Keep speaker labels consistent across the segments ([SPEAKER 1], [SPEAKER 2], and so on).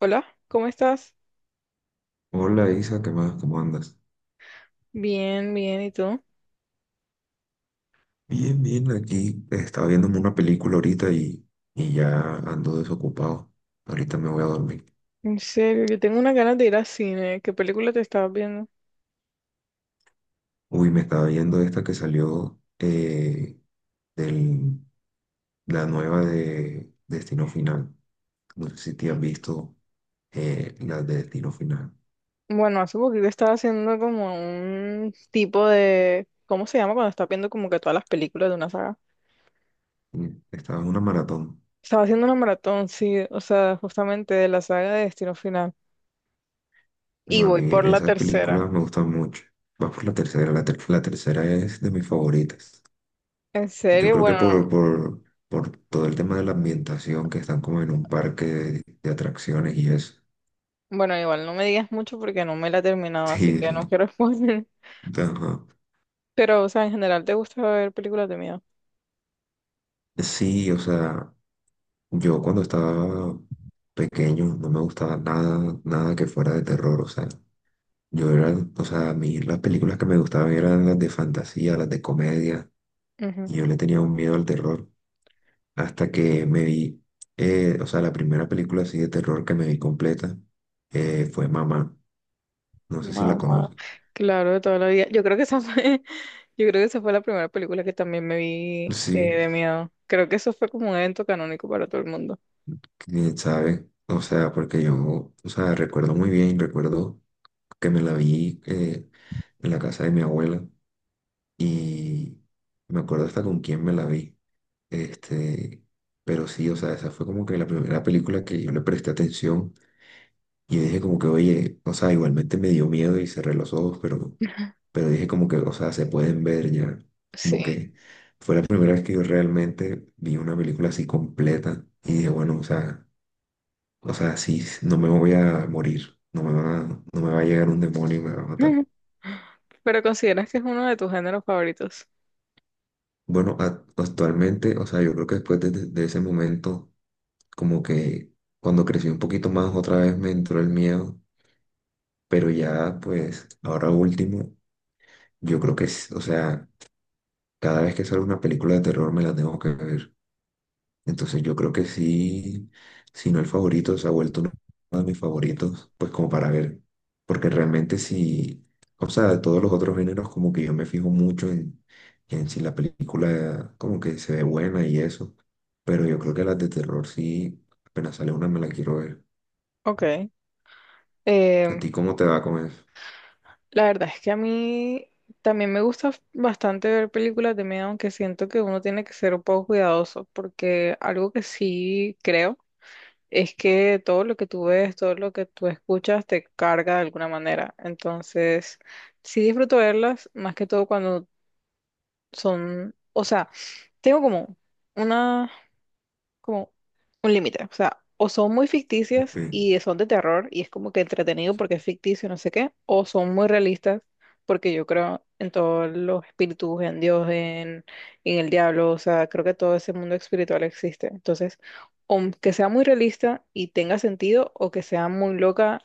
[SPEAKER 1] Hola, ¿cómo estás?
[SPEAKER 2] Hola Isa, ¿qué más? ¿Cómo andas?
[SPEAKER 1] Bien, bien, ¿y tú?
[SPEAKER 2] Bien, bien, aquí estaba viéndome una película ahorita y ya ando desocupado. Ahorita me voy a dormir.
[SPEAKER 1] En serio, yo tengo unas ganas de ir al cine. ¿Qué película te estabas viendo?
[SPEAKER 2] Uy, me estaba viendo esta que salió del, la nueva de Destino Final. No sé si te has visto la de Destino Final.
[SPEAKER 1] Bueno, hace poquito estaba haciendo como un tipo de ¿cómo se llama cuando estás viendo como que todas las películas de una saga?
[SPEAKER 2] Mm, estaba en una maratón.
[SPEAKER 1] Estaba haciendo una maratón, sí, o sea, justamente de la saga de Destino Final. Y
[SPEAKER 2] No, a
[SPEAKER 1] voy
[SPEAKER 2] mí
[SPEAKER 1] por la
[SPEAKER 2] esas
[SPEAKER 1] tercera.
[SPEAKER 2] películas me gustan mucho. Vas por la tercera, la tercera es de mis favoritas.
[SPEAKER 1] En
[SPEAKER 2] Yo
[SPEAKER 1] serio,
[SPEAKER 2] creo que
[SPEAKER 1] bueno,
[SPEAKER 2] por todo el tema de la ambientación, que están como en un parque de atracciones y eso.
[SPEAKER 1] bueno, igual no me digas mucho porque no me la he terminado, así
[SPEAKER 2] Sí,
[SPEAKER 1] que no
[SPEAKER 2] sí.
[SPEAKER 1] quiero responder.
[SPEAKER 2] Sí. Ajá.
[SPEAKER 1] Pero, o sea, en general, ¿te gusta ver películas de miedo?
[SPEAKER 2] Sí, o sea, yo cuando estaba pequeño no me gustaba nada, nada que fuera de terror, o sea, yo era, o sea, a mí las películas que me gustaban eran las de fantasía, las de comedia, y yo le tenía un miedo al terror hasta que me vi, o sea, la primera película así de terror que me vi completa fue Mamá,
[SPEAKER 1] Mamá,
[SPEAKER 2] no sé si la conoces.
[SPEAKER 1] claro, de toda la vida. Yo creo que esa fue, yo creo que esa fue la primera película que también me vi
[SPEAKER 2] Sí,
[SPEAKER 1] de miedo. Creo que eso fue como un evento canónico para todo el mundo.
[SPEAKER 2] quién sabe. O sea, porque yo, o sea, recuerdo muy bien, recuerdo que me la vi en la casa de mi abuela y me acuerdo hasta con quién me la vi. Este, pero sí, o sea, esa fue como que la primera película que yo le presté atención y yo dije como que, oye, o sea, igualmente me dio miedo y cerré los ojos, pero dije como que, o sea, se pueden ver ya. Como
[SPEAKER 1] Sí.
[SPEAKER 2] que fue la primera vez que yo realmente vi una película así completa y dije, bueno, o sea, o sea, sí, no me voy a morir, no me va a llegar un demonio y me va a matar.
[SPEAKER 1] Pero ¿consideras que es uno de tus géneros favoritos?
[SPEAKER 2] Bueno, actualmente, o sea, yo creo que después de ese momento, como que cuando crecí un poquito más, otra vez me entró el miedo, pero ya, pues, ahora último, yo creo que, o sea, cada vez que sale una película de terror me la tengo que ver. Entonces yo creo que sí, si no el favorito, se ha vuelto uno de mis favoritos, pues como para ver, porque realmente sí, o sea, de todos los otros géneros como que yo me fijo mucho en si la película como que se ve buena y eso, pero yo creo que las de terror sí, apenas sale una me la quiero ver.
[SPEAKER 1] Ok.
[SPEAKER 2] ¿A
[SPEAKER 1] Em,
[SPEAKER 2] ti cómo te va con eso?
[SPEAKER 1] la verdad es que a mí también me gusta bastante ver películas de miedo, aunque siento que uno tiene que ser un poco cuidadoso, porque algo que sí creo es que todo lo que tú ves, todo lo que tú escuchas te carga de alguna manera. Entonces, sí disfruto verlas, más que todo cuando son, o sea, tengo como una como un límite. O sea, o son muy ficticias
[SPEAKER 2] Espe-
[SPEAKER 1] y son de terror y es como que entretenido porque es ficticio, no sé qué, o son muy realistas porque yo creo en todos los espíritus, en Dios, en el diablo, o sea, creo que todo ese mundo espiritual existe. Entonces, o que sea muy realista y tenga sentido, o que sea muy loca,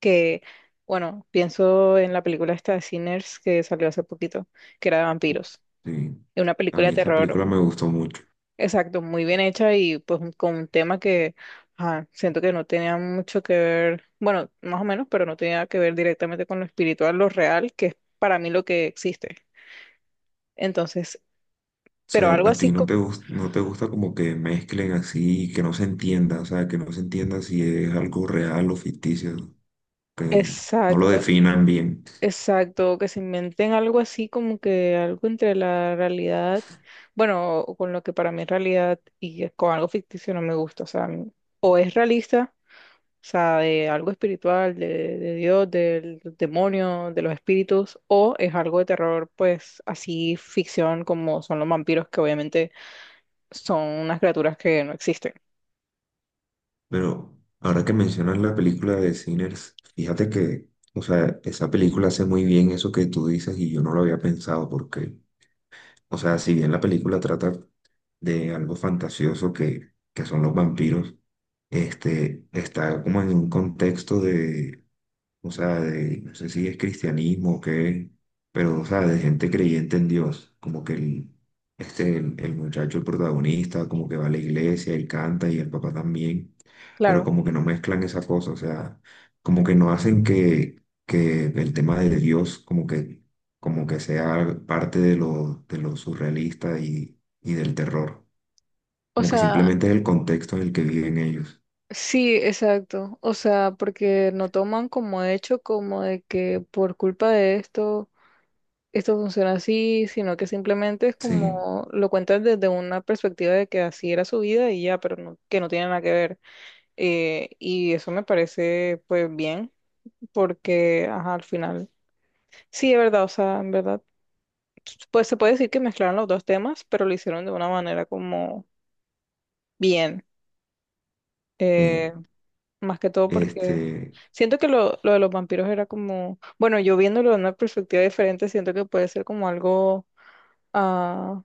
[SPEAKER 1] que, bueno, pienso en la película esta de Sinners que salió hace poquito, que era de vampiros.
[SPEAKER 2] Sí,
[SPEAKER 1] Es una
[SPEAKER 2] a
[SPEAKER 1] película de
[SPEAKER 2] mí esa
[SPEAKER 1] terror.
[SPEAKER 2] película me gustó mucho.
[SPEAKER 1] Exacto, muy bien hecha y pues un- con un tema que ajá, siento que no tenía mucho que ver, bueno, más o menos, pero no tenía que ver directamente con lo espiritual, lo real, que es para mí lo que existe. Entonces,
[SPEAKER 2] O
[SPEAKER 1] pero
[SPEAKER 2] sea,
[SPEAKER 1] algo
[SPEAKER 2] a
[SPEAKER 1] así
[SPEAKER 2] ti
[SPEAKER 1] como,
[SPEAKER 2] no te gusta como que mezclen así, que no se entienda, o sea, que no se entienda si es algo real o ficticio, que no lo
[SPEAKER 1] exacto,
[SPEAKER 2] definan bien.
[SPEAKER 1] exacto, que se inventen algo así como que algo entre la realidad, bueno, o con lo que para mí es realidad y con algo ficticio no me gusta, o sea, o es realista. O sea, de algo espiritual, de Dios, del demonio, de los espíritus, o es algo de terror, pues así ficción como son los vampiros, que obviamente son unas criaturas que no existen.
[SPEAKER 2] Pero ahora que mencionas la película de Sinners, fíjate que, o sea, esa película hace muy bien eso que tú dices y yo no lo había pensado porque, o sea, si bien la película trata de algo fantasioso que son los vampiros, este, está como en un contexto de, o sea, de, no sé si es cristianismo o qué, pero, o sea, de gente creyente en Dios, como que el muchacho, el protagonista, como que va a la iglesia y canta y el papá también, pero
[SPEAKER 1] Claro.
[SPEAKER 2] como que no mezclan esa cosa, o sea, como que no hacen que el tema de Dios como que sea parte de lo surrealista y del terror,
[SPEAKER 1] O
[SPEAKER 2] como que
[SPEAKER 1] sea,
[SPEAKER 2] simplemente es el contexto en el que viven ellos,
[SPEAKER 1] sí, exacto. O sea, porque no toman como hecho como de que por culpa de esto, esto funciona así, sino que simplemente es
[SPEAKER 2] sí,
[SPEAKER 1] como lo cuentan desde una perspectiva de que así era su vida y ya, pero no- que no tiene nada que ver. Y eso me parece pues bien, porque ajá, al final, sí, es verdad, o sea, en verdad, pues se puede decir que mezclaron los dos temas, pero lo hicieron de una manera como bien,
[SPEAKER 2] sí,
[SPEAKER 1] eh, más que todo porque
[SPEAKER 2] este,
[SPEAKER 1] siento que lo de los vampiros era como, bueno, yo viéndolo de una perspectiva diferente, siento que puede ser como algo... ah,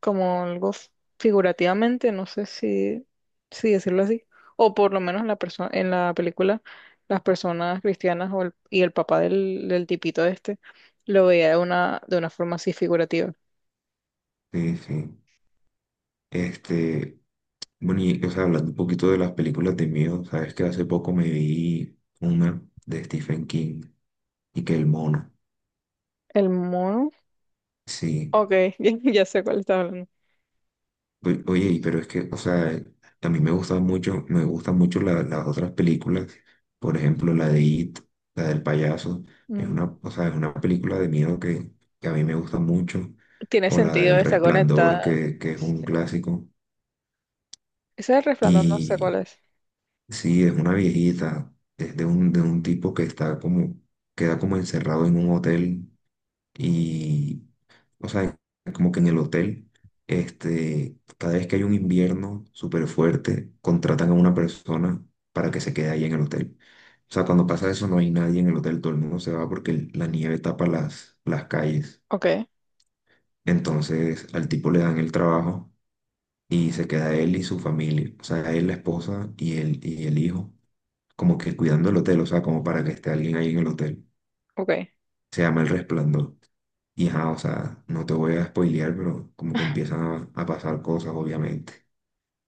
[SPEAKER 1] como algo f- figurativamente, no sé si, si decirlo así, o por lo menos en la persona, en la película, las personas cristianas o el- y el papá del, del tipito este lo veía de una forma así figurativa.
[SPEAKER 2] sí, sí. Este, bueno, y o sea, hablando un poquito de las películas de miedo, sabes que hace poco me vi una de Stephen King y que el mono.
[SPEAKER 1] El mono,
[SPEAKER 2] Sí.
[SPEAKER 1] ok, ya, ya sé cuál está hablando.
[SPEAKER 2] Oye, y pero es que, o sea, a mí me gustan mucho las otras películas. Por ejemplo, la de It, la del payaso. Es
[SPEAKER 1] Mm,
[SPEAKER 2] una, o sea, es una película de miedo que a mí me gusta mucho.
[SPEAKER 1] tiene
[SPEAKER 2] O la
[SPEAKER 1] sentido,
[SPEAKER 2] del
[SPEAKER 1] está
[SPEAKER 2] Resplandor,
[SPEAKER 1] conectada.
[SPEAKER 2] que es
[SPEAKER 1] Sí.
[SPEAKER 2] un clásico.
[SPEAKER 1] Ese es el resplandor, no sé cuál
[SPEAKER 2] Y
[SPEAKER 1] es.
[SPEAKER 2] sí, es una viejita, es de un tipo que está como, queda como encerrado en un hotel y, o sea, como que en el hotel, este, cada vez que hay un invierno súper fuerte, contratan a una persona para que se quede ahí en el hotel. O sea, cuando pasa eso no hay nadie en el hotel, todo el mundo se va porque la nieve tapa las calles.
[SPEAKER 1] Ok,
[SPEAKER 2] Entonces al tipo le dan el trabajo y se queda él y su familia, o sea, él, la esposa y el hijo como que cuidando el hotel, o sea, como para que esté alguien ahí en el hotel.
[SPEAKER 1] ok.
[SPEAKER 2] Se llama El Resplandor. Y ajá, o sea, no te voy a spoilear, pero como que empiezan a pasar cosas, obviamente.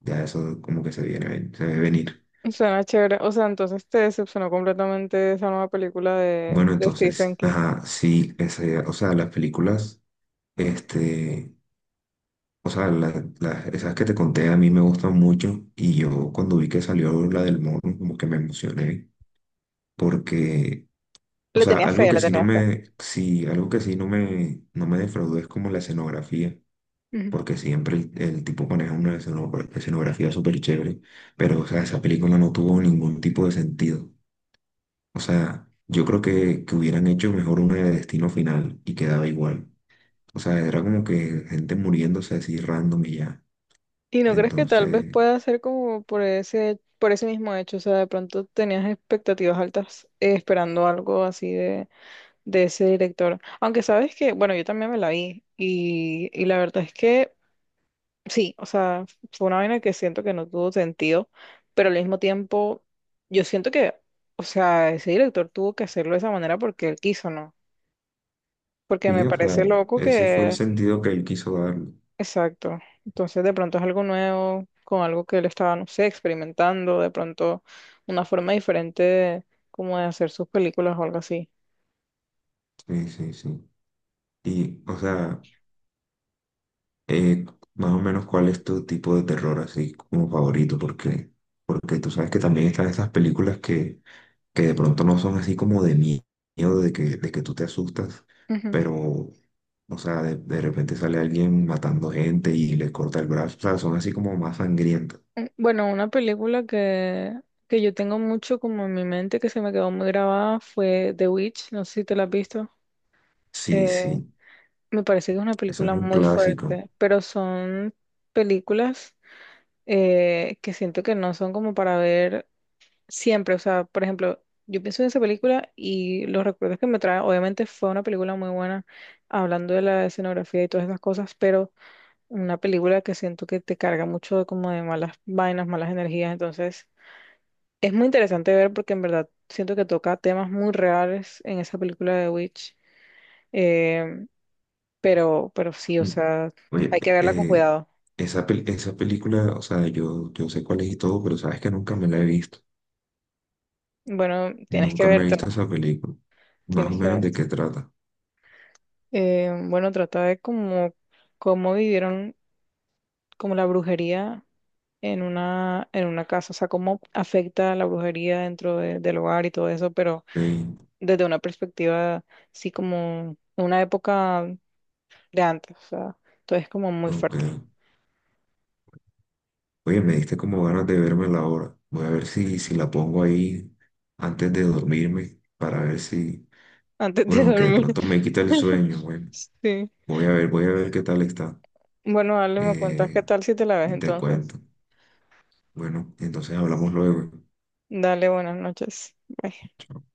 [SPEAKER 2] Ya eso como que se se ve venir.
[SPEAKER 1] Suena chévere. O sea, entonces te decepcionó completamente esa nueva película
[SPEAKER 2] Bueno,
[SPEAKER 1] de Stephen
[SPEAKER 2] entonces,
[SPEAKER 1] King.
[SPEAKER 2] ajá, sí, ese, o sea, las películas, este, o sea, esas que te conté a mí me gustan mucho y yo cuando vi que salió la del mono, como que me emocioné porque, o
[SPEAKER 1] Le
[SPEAKER 2] sea,
[SPEAKER 1] tenía fe, le tenía
[SPEAKER 2] algo que sí no me, no me defraudó es como la escenografía,
[SPEAKER 1] fe.
[SPEAKER 2] porque siempre el tipo maneja una escenografía súper chévere, pero o sea, esa película no tuvo ningún tipo de sentido. O sea, yo creo que hubieran hecho mejor una de Destino Final y quedaba igual. O sea, era como que gente muriéndose así random y ya.
[SPEAKER 1] ¿Y no crees que tal vez
[SPEAKER 2] Entonces,
[SPEAKER 1] pueda ser como por ese mismo hecho? O sea, de pronto tenías expectativas altas esperando algo así de ese director. Aunque sabes que, bueno, yo también me la vi y la verdad es que sí, o sea, fue una vaina que siento que no tuvo sentido, pero al mismo tiempo yo siento que, o sea, ese director tuvo que hacerlo de esa manera porque él quiso, ¿no? Porque
[SPEAKER 2] sí,
[SPEAKER 1] me
[SPEAKER 2] o sea,
[SPEAKER 1] parece loco
[SPEAKER 2] ese fue el
[SPEAKER 1] que.
[SPEAKER 2] sentido que él quiso darle.
[SPEAKER 1] Exacto. Entonces, de pronto es algo nuevo, con algo que él estaba, no sé, experimentando, de pronto una forma diferente de- como de hacer sus películas o algo así.
[SPEAKER 2] Sí, sí, sí. Y o sea... Eh, más o menos cuál es tu tipo de terror así como favorito, porque, porque tú sabes que también están esas películas que de pronto no son así como de miedo, de que tú te asustas,
[SPEAKER 1] Ujú.
[SPEAKER 2] pero, o sea, de repente sale alguien matando gente y le corta el brazo, o sea, son así como más sangrientas.
[SPEAKER 1] Mm, bueno, una película que yo tengo mucho como en mi mente, que se me quedó muy grabada, fue The Witch, no sé si te la has visto.
[SPEAKER 2] Sí,
[SPEAKER 1] Eh,
[SPEAKER 2] sí,
[SPEAKER 1] me parece que es una
[SPEAKER 2] eso es
[SPEAKER 1] película
[SPEAKER 2] un
[SPEAKER 1] muy
[SPEAKER 2] clásico.
[SPEAKER 1] fuerte, pero son películas que siento que no son como para ver. Siempre, o sea, por ejemplo, yo pienso en esa película y los recuerdos que me trae, obviamente fue una película muy buena, hablando de la escenografía y todas esas cosas, pero una película que siento que te carga mucho de como de malas vainas, malas energías, entonces es muy interesante ver porque en verdad siento que toca temas muy reales en esa película de Witch, eh, pero sí, o
[SPEAKER 2] Mm.
[SPEAKER 1] sea,
[SPEAKER 2] Oye,
[SPEAKER 1] hay que verla con cuidado.
[SPEAKER 2] esa, esa película, o sea, yo sé cuál es y todo, pero sabes que nunca me la he visto.
[SPEAKER 1] Bueno, tienes que
[SPEAKER 2] Nunca me he
[SPEAKER 1] vértela,
[SPEAKER 2] visto esa película. Más
[SPEAKER 1] tienes
[SPEAKER 2] o
[SPEAKER 1] que
[SPEAKER 2] menos
[SPEAKER 1] ver.
[SPEAKER 2] de qué trata.
[SPEAKER 1] Bueno, trata de como cómo vivieron como la brujería en una casa, o sea, cómo afecta la brujería dentro de- del hogar y todo eso, pero
[SPEAKER 2] Ey,
[SPEAKER 1] desde una perspectiva, sí, como una época de antes, o sea, todo es como muy
[SPEAKER 2] ok.
[SPEAKER 1] fuerte,
[SPEAKER 2] Oye, me diste como ganas de verme la hora. Voy a ver si la pongo ahí antes de dormirme para ver si,
[SPEAKER 1] antes de
[SPEAKER 2] bueno, aunque de
[SPEAKER 1] dormir.
[SPEAKER 2] pronto me quita el sueño, bueno,
[SPEAKER 1] Sí.
[SPEAKER 2] voy a ver qué tal está.
[SPEAKER 1] Bueno, dale, me cuentas qué
[SPEAKER 2] Eh,
[SPEAKER 1] tal si te la ves
[SPEAKER 2] y te
[SPEAKER 1] entonces.
[SPEAKER 2] cuento. Bueno, entonces hablamos luego.
[SPEAKER 1] Dale, buenas noches. Bye.
[SPEAKER 2] Chao.